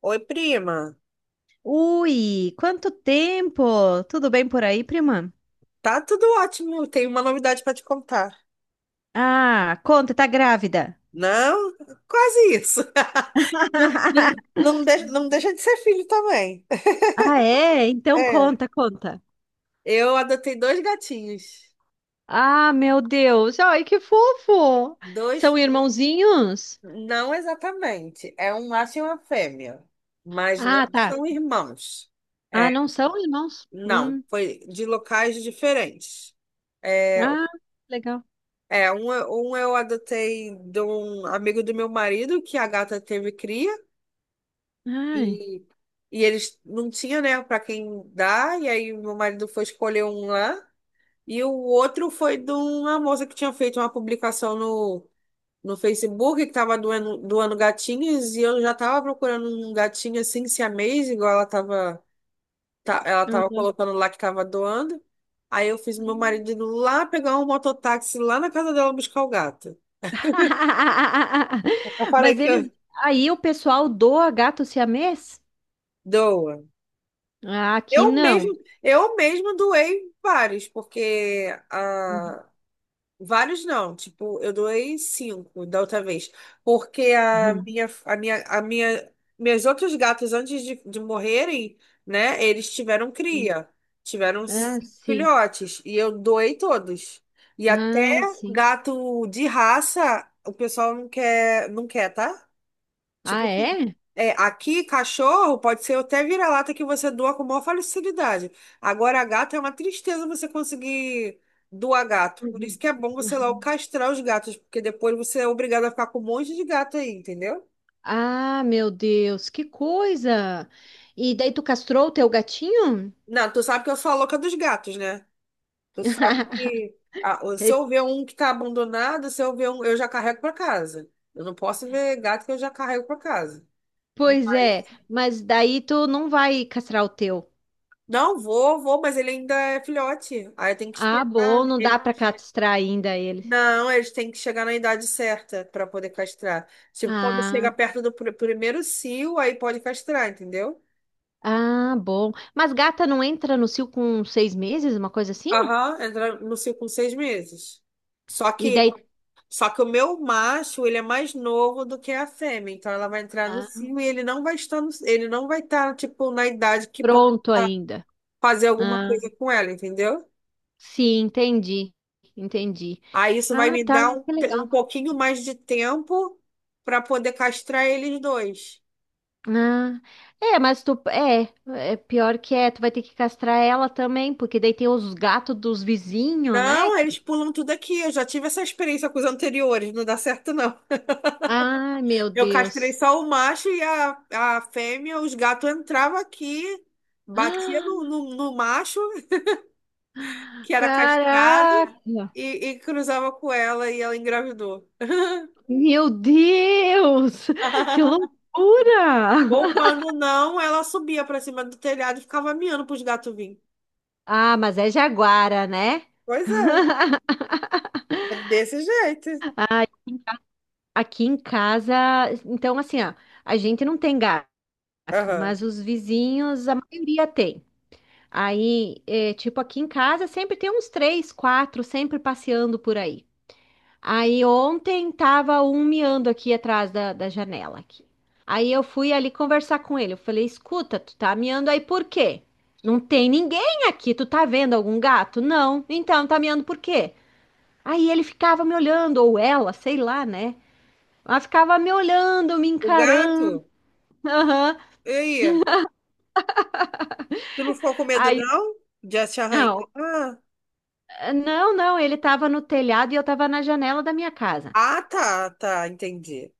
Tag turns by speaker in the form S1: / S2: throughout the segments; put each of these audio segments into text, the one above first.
S1: Oi, prima.
S2: Ui, quanto tempo! Tudo bem por aí, prima?
S1: Tá tudo ótimo. Tenho uma novidade para te contar.
S2: Ah, conta, tá grávida.
S1: Não, quase isso. Não, não, não deixa de ser filho também.
S2: Ah, é? Então
S1: É,
S2: conta, conta.
S1: eu adotei dois gatinhos.
S2: Ah, meu Deus! Ai, que fofo!
S1: Dois,
S2: São irmãozinhos?
S1: não exatamente. É um macho e uma fêmea, mas não
S2: Ah, tá.
S1: são irmãos.
S2: Ah,
S1: É,
S2: não são irmãos?
S1: não,
S2: Hum.
S1: foi de locais diferentes. É,
S2: Ah, legal.
S1: é, um eu adotei de um amigo do meu marido, que a gata teve cria.
S2: Ai.
S1: E, e eles não tinham, né, para quem dar, e aí meu marido foi escolher um lá, e o outro foi de uma moça que tinha feito uma publicação no Facebook, que estava doando gatinhos, e eu já estava procurando um gatinho assim, siamês, igual ela tava
S2: Aham.
S1: colocando lá que estava doando. Aí eu fiz meu marido ir lá pegar um mototáxi lá na casa dela buscar o gato. Eu falei
S2: Mas
S1: que
S2: eles.
S1: eu
S2: Aí o pessoal doa gato siamês?
S1: doa.
S2: Ah, aqui
S1: Eu
S2: não.
S1: mesmo, eu mesmo doei vários, porque
S2: Uhum.
S1: a vários não, tipo, eu doei cinco da outra vez, porque a
S2: Uhum.
S1: minha, a minha, a minha, meus outros gatos antes de morrerem, né, eles tiveram cria, tiveram
S2: Ah,
S1: cinco
S2: sim.
S1: filhotes e eu doei todos. E até
S2: Ah, sim.
S1: gato de raça, o pessoal não quer, não quer, tá? Tipo
S2: Ah,
S1: assim,
S2: é?
S1: é, aqui cachorro pode ser até vira-lata que você doa com maior facilidade. Agora, gato é uma tristeza você conseguir doar gato. Por isso
S2: Uhum.
S1: que é bom você logo castrar os gatos, porque depois você é obrigado a ficar com um monte de gato aí, entendeu?
S2: Ah, meu Deus, que coisa! E daí tu castrou o teu gatinho?
S1: Não, tu sabe que eu sou a louca dos gatos, né? Tu sabe que se
S2: Eh,
S1: eu ver um que tá abandonado, se eu ver um, eu já carrego pra casa. Eu não posso ver gato que eu já carrego pra casa.
S2: pois é,
S1: Mas-
S2: mas daí tu não vai castrar o teu.
S1: Não, vou, vou, mas ele ainda é filhote. Aí tem que
S2: Ah, bom,
S1: esperar.
S2: não dá
S1: Ele
S2: pra castrar ainda ele.
S1: Não, eles têm que chegar na idade certa para poder castrar. Tipo, quando
S2: Ah,
S1: chega perto do primeiro cio, aí pode castrar, entendeu?
S2: ah, bom. Mas gata não entra no cio com 6 meses, uma coisa assim?
S1: Aham, entra no cio com 6 meses. Só
S2: E
S1: que,
S2: daí,
S1: só que o meu macho, ele é mais novo do que a fêmea, então ela vai entrar no
S2: ah,
S1: cio e ele não vai estar, tipo, na idade que possa
S2: pronto ainda.
S1: fazer alguma
S2: Ah,
S1: coisa com ela, entendeu?
S2: sim, entendi, entendi.
S1: Aí isso vai
S2: Ah,
S1: me
S2: tá,
S1: dar
S2: que
S1: um
S2: legal.
S1: pouquinho mais de tempo para poder castrar eles dois.
S2: Ah, é, mas tu é pior que é, tu vai ter que castrar ela também, porque daí tem os gatos dos vizinhos, né?
S1: Não, eles pulam tudo aqui. Eu já tive essa experiência com os anteriores, não dá certo, não.
S2: Ai, meu
S1: Eu castrei
S2: Deus.
S1: só o macho e a fêmea, os gatos entravam aqui, batia no, no, no macho,
S2: Ah,
S1: que era castrado,
S2: caraca!
S1: e, e cruzava com ela e ela engravidou.
S2: Meu Deus! Que loucura!
S1: Ou quando não, ela subia para cima do telhado e ficava miando para os gatos virem.
S2: Ah, mas é jaguara, né?
S1: Pois é, é desse jeito.
S2: Ai, aqui em casa, então assim, ó, a gente não tem gato,
S1: Aham.
S2: mas os vizinhos, a maioria tem. Aí, é, tipo, aqui em casa sempre tem uns três, quatro, sempre passeando por aí. Aí ontem tava um miando aqui atrás da janela aqui. Aí eu fui ali conversar com ele. Eu falei, escuta, tu tá miando aí por quê? Não tem ninguém aqui. Tu tá vendo algum gato? Não. Então, tá miando por quê? Aí ele ficava me olhando, ou ela, sei lá, né? Ela ficava me olhando, me
S1: O
S2: encarando.
S1: gato,
S2: Aham.
S1: e aí? Tu não ficou com medo,
S2: Aí,
S1: não? De te
S2: não,
S1: arranhar?
S2: não, não, ele tava no telhado e eu tava na janela da minha casa.
S1: Ah, tá, tá, entendi.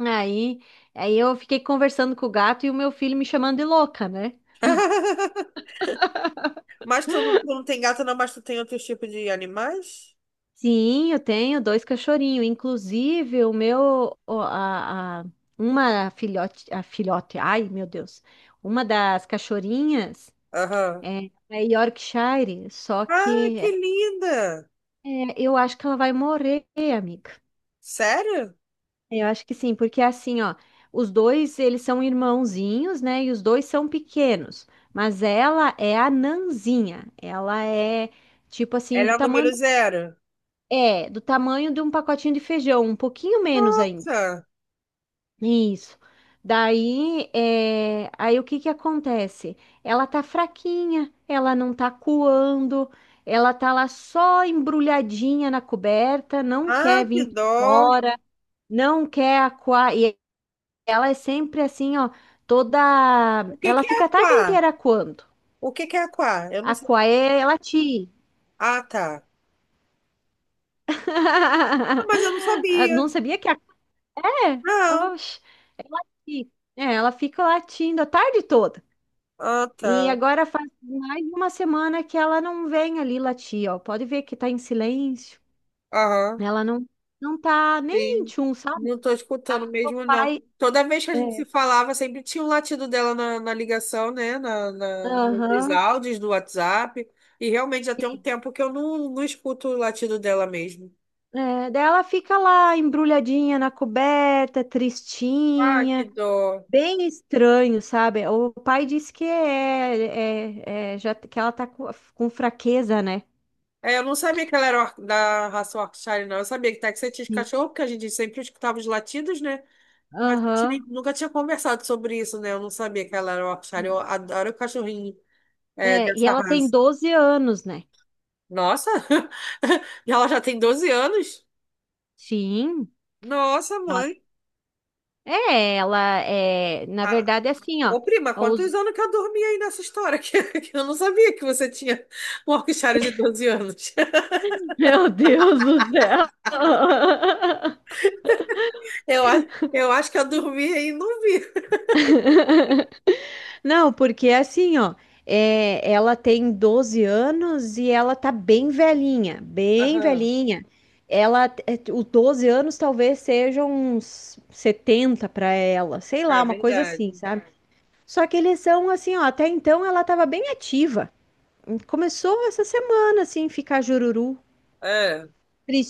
S2: Aí, aí eu fiquei conversando com o gato e o meu filho me chamando de louca, né?
S1: Mas tu não tem gato, não, mas tu tem outros tipos de animais?
S2: Sim, eu tenho dois cachorrinhos. Inclusive, o meu, o- a- uma filhote, a filhote, ai meu Deus, uma das cachorrinhas
S1: Aham.
S2: é Yorkshire,
S1: Ah, que linda!
S2: eu acho que ela vai morrer, amiga.
S1: Sério?
S2: Eu acho que sim, porque assim, ó, os dois, eles são irmãozinhos, né? E os dois são pequenos, mas ela é a nanzinha. Ela é tipo assim
S1: Ela
S2: do
S1: é o
S2: tamanho
S1: número zero?
S2: do tamanho de um pacotinho de feijão, um pouquinho menos ainda.
S1: Nossa!
S2: Isso. Daí, é, aí o que que acontece? Ela tá fraquinha, ela não tá coando, ela tá lá só embrulhadinha na coberta, não
S1: Ah,
S2: quer
S1: que
S2: vir pra
S1: dó!
S2: fora, não quer aquar. Ela é sempre assim, ó, toda.
S1: O que
S2: Ela
S1: que é
S2: fica a tarde
S1: aquá?
S2: inteira quando?
S1: O que que é aquá? Eu não
S2: A
S1: sei.
S2: Quaé, ela te.
S1: Ah, tá. Ah, mas eu não
S2: Ah,
S1: sabia.
S2: não sabia que a Quaé?
S1: Não.
S2: Oxe, ela, ela fica latindo a tarde toda.
S1: Ah,
S2: E
S1: tá.
S2: agora faz mais de uma semana que ela não vem ali latir, ó. Pode ver que tá em silêncio.
S1: Aham.
S2: Ela não tá nem
S1: Sim,
S2: tchum, sabe?
S1: não estou escutando
S2: O
S1: mesmo, não.
S2: pai.
S1: Toda vez que a
S2: É.
S1: gente se falava, sempre tinha um latido dela na ligação, né? Nos
S2: Aham.
S1: áudios do WhatsApp. E realmente já tem um tempo que eu não escuto o latido dela mesmo.
S2: É, daí ela fica lá embrulhadinha na coberta,
S1: Ah, que
S2: tristinha.
S1: dó.
S2: Bem estranho, sabe? O pai disse que já que ela tá com fraqueza, né?
S1: É, eu não sabia que ela era da raça Yorkshire, não. Eu sabia que Texas tinha de
S2: Sim.
S1: cachorro, porque a gente sempre escutava os latidos, né? Mas eu
S2: Aham.
S1: nunca tinha conversado sobre isso, né? Eu não sabia que ela era Yorkshire. Eu adoro o cachorrinho,
S2: É, e
S1: dessa
S2: ela tem
S1: raça.
S2: 12 anos, né?
S1: Nossa, e ela já tem 12 anos?
S2: Sim.
S1: Nossa,
S2: Ela-
S1: mãe.
S2: É, ela é, na
S1: Ah,
S2: verdade é assim, ó.
S1: ô, prima, quantos
S2: Os...
S1: anos que eu dormi aí nessa história? Que eu não sabia que você tinha um Yorkshire de 12 anos.
S2: Meu Deus do céu.
S1: Eu, a- eu acho que eu dormi aí e não vi.
S2: Não, porque é assim, ó, é, ela tem 12 anos e ela tá bem velhinha, bem
S1: Aham,
S2: velhinha. Ela, é, o 12 anos talvez seja uns 70 para ela, sei lá,
S1: é
S2: uma coisa assim,
S1: verdade.
S2: sabe? Só que eles são assim, ó, até então ela tava bem ativa. Começou essa semana, assim, ficar jururu,
S1: É.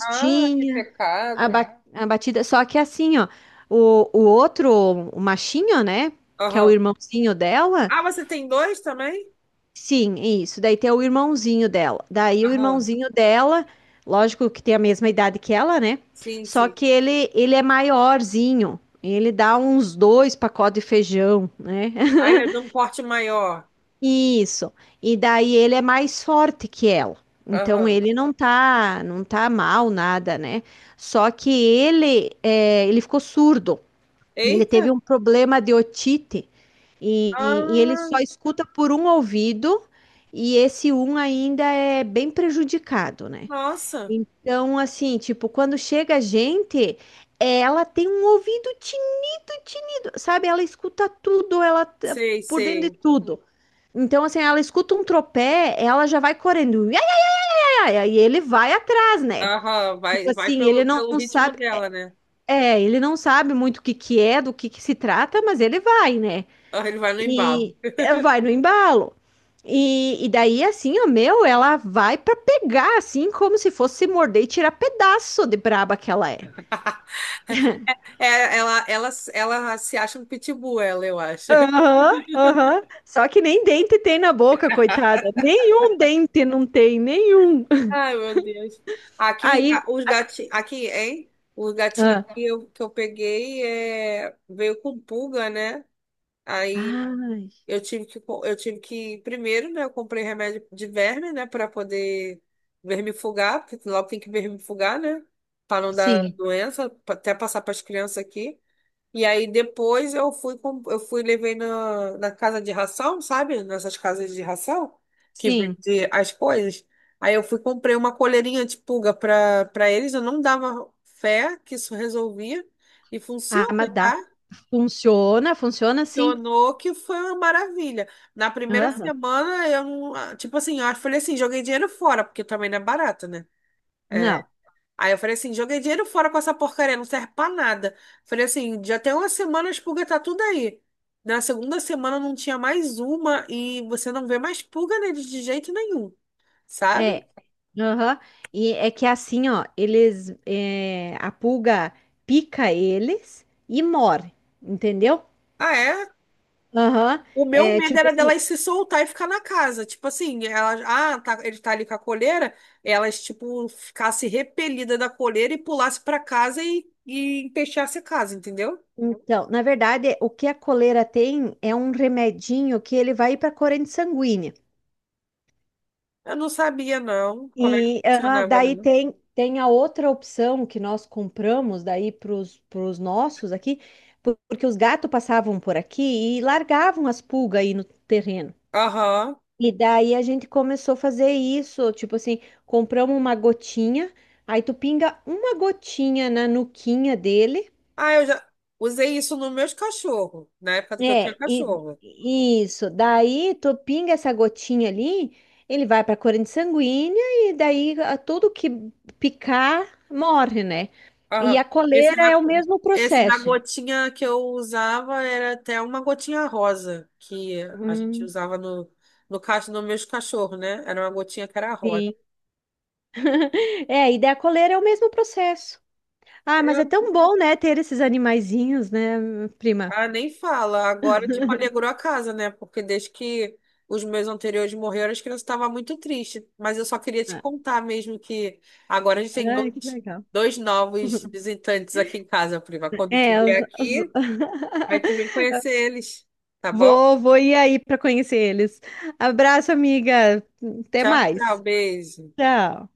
S1: Ah, que pecado.
S2: abatida. Só que assim, ó, o outro, o machinho, né, que é o
S1: Aham.
S2: irmãozinho dela,
S1: Ah, você tem dois também?
S2: sim, isso. Daí tem o irmãozinho dela. Daí o
S1: Aham,
S2: irmãozinho dela, lógico que tem a mesma idade que ela, né?
S1: sim,
S2: Só
S1: sim.
S2: que ele é maiorzinho. Ele dá uns dois pacotes de feijão, né?
S1: Ah, ele é de um porte maior.
S2: Isso. E daí ele é mais forte que ela. Então
S1: Aham.
S2: ele não tá mal nada, né? Só que ele ficou surdo. Ele teve
S1: Eita.
S2: um problema de otite e, e ele
S1: Ah,
S2: só escuta por um ouvido e esse um ainda é bem prejudicado, né?
S1: nossa.
S2: Então, assim, tipo, quando chega a gente, ela tem um ouvido tinido, tinido, sabe? Ela escuta tudo, ela tá
S1: Sei,
S2: por dentro de
S1: sei.
S2: tudo. Então, assim, ela escuta um tropé, ela já vai correndo, ia, ia, ia, e ele vai atrás, né?
S1: Aham, vai,
S2: Tipo
S1: vai
S2: assim,
S1: pelo, pelo ritmo dela, né?
S2: ele não sabe muito o que que é, do que se trata, mas ele vai, né?
S1: Ah, ele vai no embalo.
S2: E é, vai no embalo. E daí, assim, ó, meu, ela vai pra pegar, assim, como se fosse se morder e tirar pedaço de braba que ela é.
S1: É, ela se acha um pitbull, ela, eu acho.
S2: Aham, aham. Só que nem dente tem na boca, coitada. Nenhum dente não tem, nenhum.
S1: Ai, meu Deus. Aqui os,
S2: Aí.
S1: ga- os gatinhos. Aqui, hein? Os gatinhos
S2: Ah,
S1: que eu peguei veio com pulga, né? Aí
S2: ai,
S1: eu tive que. Primeiro, né? Eu comprei remédio de verme, né? Pra poder vermifugar, porque logo tem que vermifugar, né? Pra não dar
S2: sim,
S1: doença, até passar pras crianças aqui. E aí depois eu fui, com- eu fui levei na casa de ração, sabe? Nessas casas de ração que
S2: sim.
S1: vende as coisas. Aí eu fui e comprei uma coleirinha de pulga para eles. Eu não dava fé que isso resolvia e
S2: Ah,
S1: funciona,
S2: mas dá.
S1: tá?
S2: Funciona, funciona sim.
S1: Funcionou que foi uma maravilha. Na primeira
S2: Aham.
S1: semana eu, não- ah, tipo assim, eu falei assim, joguei dinheiro fora, porque também não é barato, né? É,
S2: Não.
S1: aí eu falei assim, joguei dinheiro fora com essa porcaria, não serve pra nada. Falei assim, já tem uma semana a pulga tá tudo aí. Na segunda semana não tinha mais uma e você não vê mais pulga neles de jeito nenhum, sabe?
S2: É, aham. E é que assim, ó, a pulga pica eles e morre, entendeu?
S1: Ah, é?
S2: Aham.
S1: O meu
S2: É
S1: medo
S2: tipo
S1: era
S2: assim,
S1: delas se soltar e ficar na casa. Tipo assim, ele tá ali com a coleira, elas, tipo, ficasse repelida da coleira e pulasse pra casa e empesteasse a casa, entendeu?
S2: então, na verdade, o que a coleira tem é um remedinho que ele vai para a corrente sanguínea.
S1: Eu não sabia, não, como é que
S2: E aham,
S1: funcionava,
S2: daí
S1: não.
S2: tem a outra opção que nós compramos daí para os nossos aqui, porque os gatos passavam por aqui e largavam as pulgas aí no terreno.
S1: Aham.
S2: E daí a gente começou a fazer isso, tipo assim, compramos uma gotinha, aí tu pinga uma gotinha na nuquinha dele,
S1: Ah, eu já usei isso nos meus cachorros, na época que eu tinha
S2: é,
S1: cachorro.
S2: e isso, daí tu pinga essa gotinha ali, ele vai pra corrente sanguínea e daí tudo que picar morre, né? E
S1: Aham.
S2: a
S1: Esse
S2: coleira
S1: da,
S2: é o mesmo
S1: esse da
S2: processo.
S1: gotinha que eu usava era até uma gotinha rosa, que a gente
S2: Hum,
S1: usava no caso dos meus cachorros, né? Era uma gotinha que era rosa.
S2: sim. É, e daí a coleira é o mesmo processo. Ah, mas é tão bom, né, ter esses animaizinhos, né, prima?
S1: Ah, nem fala. Agora, tipo, alegrou a casa, né? Porque desde que os meus anteriores morreram, as crianças estavam muito tristes. Mas eu só queria te
S2: Ah,
S1: contar mesmo que agora a gente tem
S2: ai, que
S1: dois,
S2: legal.
S1: dois novos visitantes aqui em casa, Priva. Quando tu
S2: É,
S1: vier aqui, vai tu vir conhecer eles, tá bom?
S2: vou ir aí para conhecer eles. Abraço, amiga. Até
S1: Tchau, tchau,
S2: mais.
S1: beijo.
S2: Tchau.